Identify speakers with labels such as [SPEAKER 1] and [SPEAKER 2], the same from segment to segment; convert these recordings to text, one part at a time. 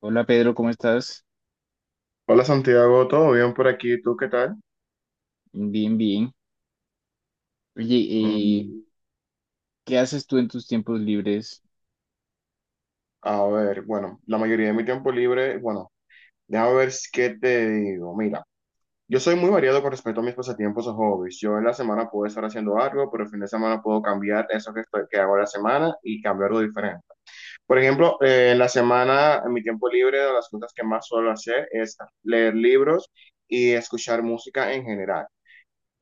[SPEAKER 1] Hola Pedro, ¿cómo estás?
[SPEAKER 2] Hola Santiago, ¿todo bien por aquí? ¿Tú qué tal?
[SPEAKER 1] Bien, bien. Oye, eh,
[SPEAKER 2] Mm,
[SPEAKER 1] ¿qué haces tú en tus tiempos libres?
[SPEAKER 2] a ver, bueno, la mayoría de mi tiempo libre, bueno, déjame ver qué te digo. Mira, yo soy muy variado con respecto a mis pasatiempos o hobbies. Yo en la semana puedo estar haciendo algo, pero el fin de semana puedo cambiar eso que, que hago en la semana y cambiar algo diferente. Por ejemplo, en la semana, en mi tiempo libre, de las cosas que más suelo hacer es leer libros y escuchar música en general.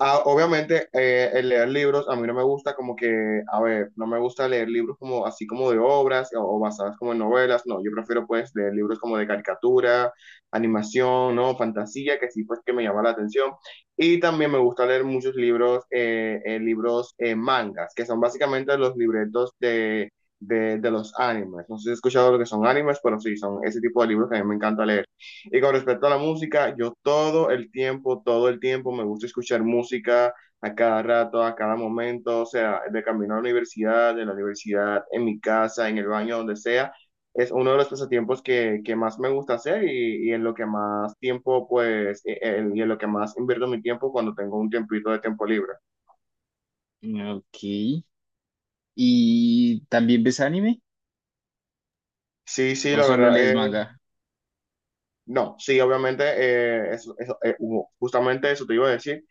[SPEAKER 2] Ah, obviamente, el leer libros a mí no me gusta como que, a ver, no me gusta leer libros como así como de obras o basadas como en novelas, no, yo prefiero pues leer libros como de caricatura, animación, ¿no? Fantasía, que sí pues que me llama la atención. Y también me gusta leer muchos libros, libros mangas, que son básicamente los libretos de los animes. No sé si has escuchado lo que son animes, pero sí, son ese tipo de libros que a mí me encanta leer. Y con respecto a la música, yo todo el tiempo me gusta escuchar música a cada rato, a cada momento, o sea, de camino a la universidad, de la universidad, en mi casa, en el baño, donde sea. Es uno de los pasatiempos que más me gusta hacer y en lo que más tiempo, pues, y en lo que más invierto mi tiempo cuando tengo un tiempito de tiempo libre.
[SPEAKER 1] Ok. ¿Y también ves anime?
[SPEAKER 2] Sí, sí,
[SPEAKER 1] ¿O
[SPEAKER 2] la
[SPEAKER 1] solo
[SPEAKER 2] verdad,
[SPEAKER 1] lees manga?
[SPEAKER 2] no, sí, obviamente, eso, eso, justamente eso te iba a decir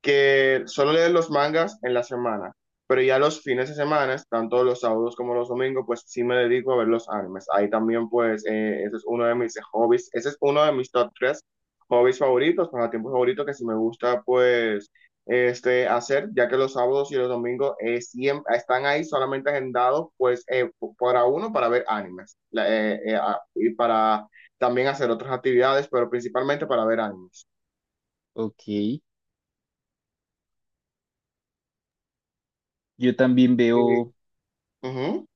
[SPEAKER 2] que solo leen los mangas en la semana, pero ya los fines de semana, tanto los sábados como los domingos, pues sí me dedico a ver los animes. Ahí también, pues, ese es uno de mis hobbies, ese es uno de mis top tres hobbies favoritos, pasatiempos favoritos que sí me gusta, pues, este, hacer, ya que los sábados y los domingos están ahí solamente agendados, pues, para uno, para ver animes, y para también hacer otras actividades, pero principalmente para ver animes.
[SPEAKER 1] Ok. Yo también
[SPEAKER 2] Sí.
[SPEAKER 1] veo,
[SPEAKER 2] Ujú.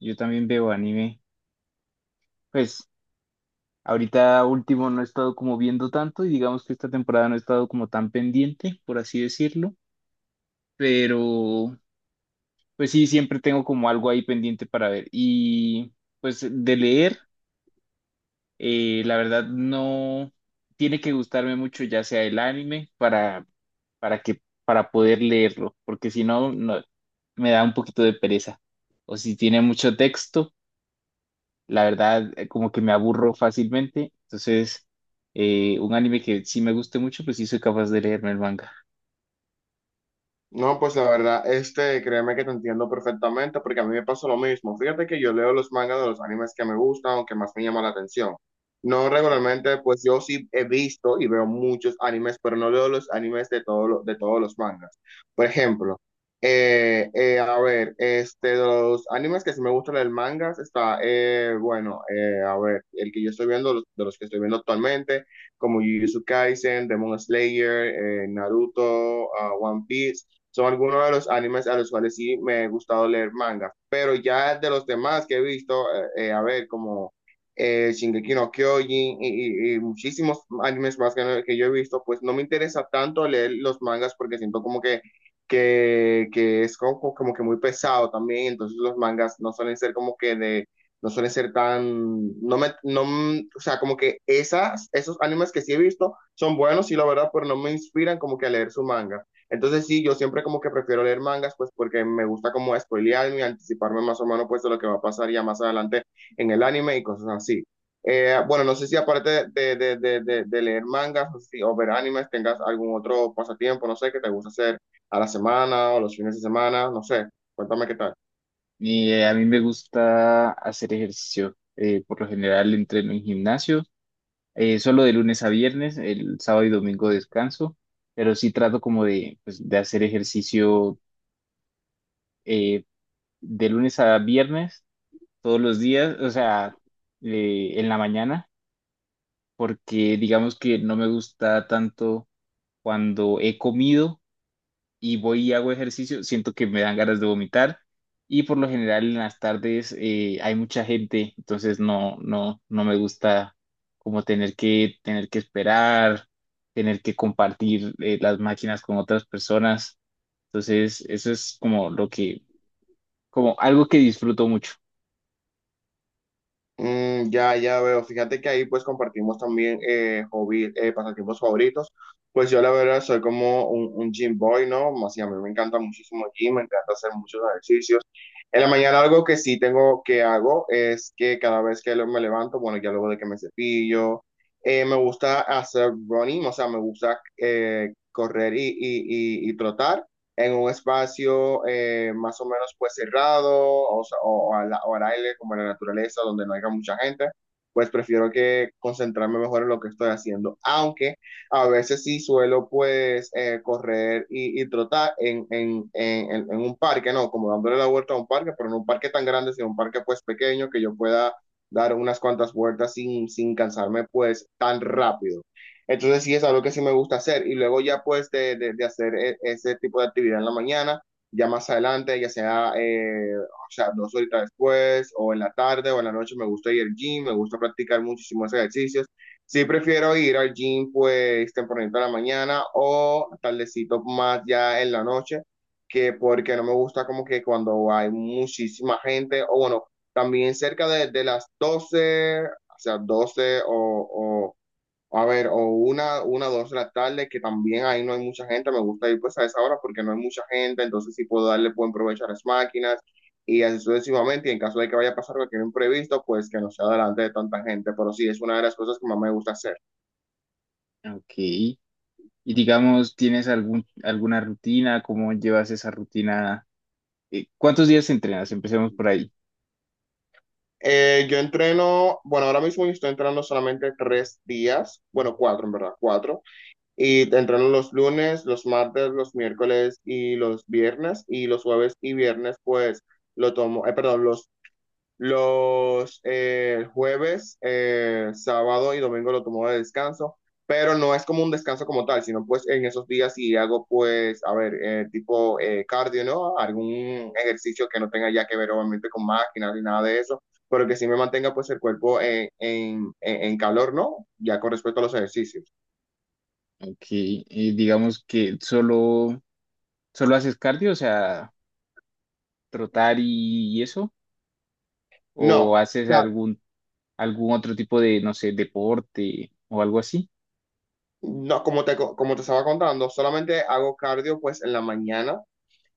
[SPEAKER 1] yo también veo anime. Pues ahorita último no he estado como viendo tanto y digamos que esta temporada no he estado como tan pendiente, por así decirlo. Pero pues sí, siempre tengo como algo ahí pendiente para ver. Y pues de leer. La verdad no tiene que gustarme mucho ya sea el anime para poder leerlo, porque si no, no me da un poquito de pereza. O si tiene mucho texto, la verdad como que me aburro fácilmente. Entonces, un anime que sí me guste mucho, pues sí soy capaz de leerme el manga.
[SPEAKER 2] No, pues la verdad, este, créeme que te entiendo perfectamente porque a mí me pasa lo mismo. Fíjate que yo leo los mangas de los animes que me gustan o que más me llaman la atención. No regularmente, pues yo sí he visto y veo muchos animes, pero no leo los animes de todos los mangas. Por ejemplo, a ver, este, de los animes que sí me gustan el mangas está, bueno, a ver, el que yo estoy viendo, de los que estoy viendo actualmente, como Jujutsu Kaisen, Demon Slayer, Naruto, ah, One Piece son algunos de los animes a los cuales sí me he gustado leer manga, pero ya de los demás que he visto, a ver, como Shingeki no Kyojin y muchísimos animes más que, que yo he visto, pues no me interesa tanto leer los mangas porque siento como que es como, como que muy pesado también, entonces los mangas no suelen ser como que de... No suelen ser tan, no me, no, o sea, como que esos animes que sí he visto son buenos, sí, la verdad, pero no me inspiran como que a leer su manga. Entonces sí, yo siempre como que prefiero leer mangas, pues porque me gusta como spoilearme y anticiparme más o menos pues de lo que va a pasar ya más adelante en el anime y cosas así. Bueno, no sé si aparte de leer mangas o o ver animes, tengas algún otro pasatiempo, no sé, que te gusta hacer a la semana o los fines de semana, no sé, cuéntame qué tal.
[SPEAKER 1] Y a mí me gusta hacer ejercicio. Por lo general entreno en gimnasio. Solo de lunes a viernes, el sábado y domingo descanso, pero sí trato como de, pues, de hacer ejercicio eh, de lunes a viernes, todos los días, o sea, en la mañana, porque digamos que no me gusta tanto cuando he comido y voy y hago ejercicio, siento que me dan ganas de vomitar y por lo general en las tardes hay mucha gente, entonces no me gusta como tener que esperar, tener que compartir las máquinas con otras personas. Entonces, eso es como como algo que disfruto mucho.
[SPEAKER 2] Ya, ya veo. Fíjate que ahí pues compartimos también hobby, pasatiempos favoritos. Pues yo la verdad soy como un gym boy, ¿no? Así a mí me encanta muchísimo el gym, me encanta hacer muchos ejercicios. En la mañana algo que sí tengo que hago es que cada vez que me levanto, bueno, ya luego de que me cepillo, me gusta hacer running, o sea, me gusta correr y trotar en un espacio más o menos pues cerrado o sea, o al aire como en la naturaleza donde no haya mucha gente, pues prefiero que concentrarme mejor en lo que estoy haciendo, aunque a veces sí suelo pues correr y trotar en un parque, no, como dándole la vuelta a un parque, pero no un parque tan grande, sino un parque pues pequeño que yo pueda dar unas cuantas vueltas sin cansarme pues tan rápido. Entonces sí es algo que sí me gusta hacer y luego ya pues de hacer ese tipo de actividad en la mañana, ya más adelante, ya sea, o sea, 2 horitas después o en la tarde o en la noche, me gusta ir al gym, me gusta practicar muchísimos ejercicios. Sí prefiero ir al gym pues tempranito en la mañana o tardecito más ya en la noche, que porque no me gusta como que cuando hay muchísima gente o bueno, también cerca de las 12 o sea, 12 o... A ver, o una, dos de la tarde, que también ahí no hay mucha gente. Me gusta ir pues a esa hora porque no hay mucha gente, entonces sí puedo darle buen provecho a las máquinas y así sucesivamente. Y en caso de que vaya a pasar cualquier imprevisto, pues que no sea delante de tanta gente. Pero sí, es una de las cosas que más me gusta hacer.
[SPEAKER 1] Ok. Y digamos, ¿tienes algún, alguna rutina? ¿Cómo llevas esa rutina? ¿Cuántos días entrenas? Empecemos por ahí.
[SPEAKER 2] Yo entreno, bueno, ahora mismo yo estoy entrenando solamente 3 días, bueno, cuatro en verdad, cuatro. Y entreno los lunes, los martes, los miércoles y los viernes. Y los jueves y viernes, pues lo tomo, perdón, los jueves, sábado y domingo lo tomo de descanso, pero no es como un descanso como tal, sino pues en esos días si hago pues, a ver, tipo cardio, ¿no? Algún ejercicio que no tenga ya que ver obviamente con máquinas ni nada de eso, pero que sí me mantenga pues el cuerpo en calor, ¿no? Ya con respecto a los ejercicios.
[SPEAKER 1] Ok. Y digamos que solo, ¿solo haces cardio, o sea, trotar y eso?
[SPEAKER 2] No, o
[SPEAKER 1] ¿O haces
[SPEAKER 2] sea,
[SPEAKER 1] algún, algún otro tipo de, no sé, deporte o algo así?
[SPEAKER 2] no, como te estaba contando, solamente hago cardio pues en la mañana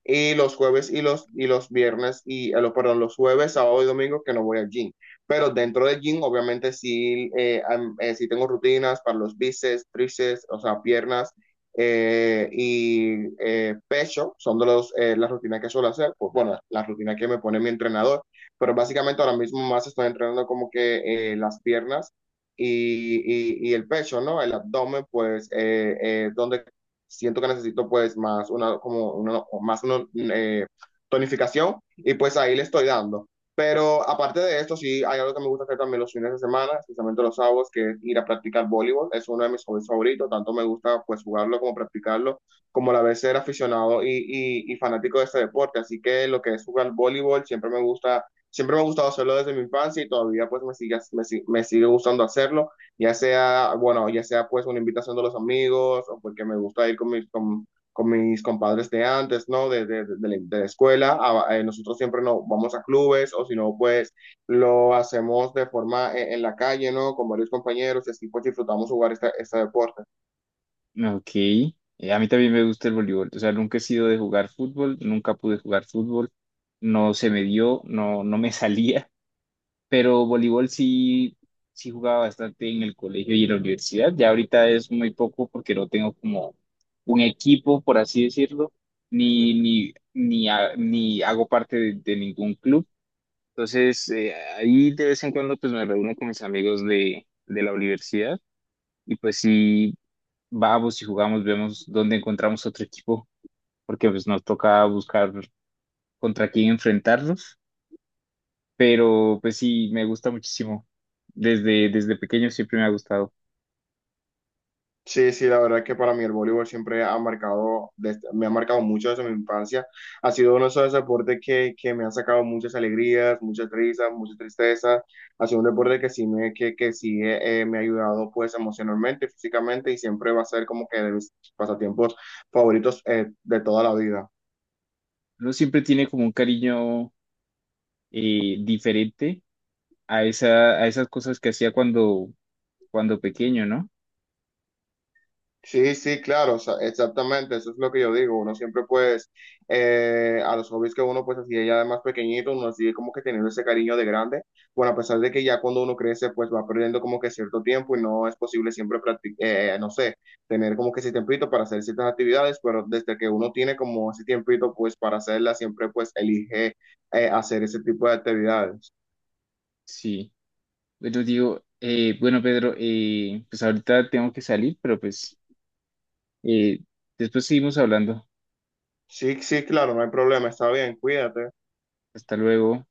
[SPEAKER 2] y los jueves y los viernes, y perdón, los jueves, sábado y domingo que no voy al gym. Pero dentro del gym, obviamente, sí, sí tengo rutinas para los bíceps, tríceps, o sea, piernas y pecho, son las rutinas que suelo hacer, pues bueno, las rutinas que me pone mi entrenador, pero básicamente ahora mismo más estoy entrenando como que las piernas y el pecho, ¿no? El abdomen, pues, donde siento que necesito pues más una eh, tonificación y pues ahí le estoy dando. Pero aparte de esto, sí, hay algo que me gusta hacer también los fines de semana, especialmente los sábados, que es ir a practicar voleibol. Es uno de mis hobbies favoritos, tanto me gusta pues jugarlo como practicarlo, como a la vez ser aficionado y fanático de este deporte. Así que lo que es jugar voleibol siempre me ha gustado hacerlo desde mi infancia y todavía pues me sigue gustando hacerlo ya sea, bueno, ya sea pues una invitación de los amigos o porque me gusta ir con mis compadres de antes, ¿no? De la escuela. Nosotros siempre nos vamos a clubes o si no, pues lo hacemos de forma en la calle, ¿no? Con varios compañeros y así pues disfrutamos jugar este deporte.
[SPEAKER 1] Ok. A mí también me gusta el voleibol. O sea, nunca he sido de jugar fútbol, nunca pude jugar fútbol, no se me dio, no me salía, pero voleibol sí, sí jugaba bastante en el colegio y en la universidad. Ya ahorita es muy poco porque no tengo como un equipo, por así decirlo, ni hago parte de ningún club. Entonces, ahí de vez en cuando pues me reúno con mis amigos de la universidad y pues sí, vamos y jugamos, vemos dónde encontramos otro equipo, porque pues nos toca buscar contra quién enfrentarnos, pero pues sí, me gusta muchísimo. Desde pequeño siempre me ha gustado.
[SPEAKER 2] Sí, sí, la verdad es que para mí el voleibol siempre ha marcado, me ha marcado mucho desde mi infancia. Ha sido uno de esos deportes que me ha sacado muchas alegrías, muchas risas, muchas tristezas. Ha sido un deporte que sí me ha ayudado pues emocionalmente, físicamente y siempre va a ser como que de mis pasatiempos favoritos de toda la vida.
[SPEAKER 1] Uno siempre tiene como un cariño diferente a a esas cosas que hacía cuando pequeño, ¿no?
[SPEAKER 2] Sí, sí, claro, o sea, exactamente, eso es lo que yo digo, uno siempre pues, a los hobbies que uno pues hacía ya de más pequeñito, uno sigue como que teniendo ese cariño de grande, bueno, a pesar de que ya cuando uno crece pues va perdiendo como que cierto tiempo y no es posible siempre practicar, no sé, tener como que ese tiempito para hacer ciertas actividades, pero desde que uno tiene como ese tiempito pues para hacerla, siempre pues elige hacer ese tipo de actividades.
[SPEAKER 1] Sí. Bueno, digo, bueno, Pedro, pues ahorita tengo que salir, pero pues eh, después seguimos hablando.
[SPEAKER 2] Sí, sí, claro, no hay problema, está bien, cuídate.
[SPEAKER 1] Hasta luego.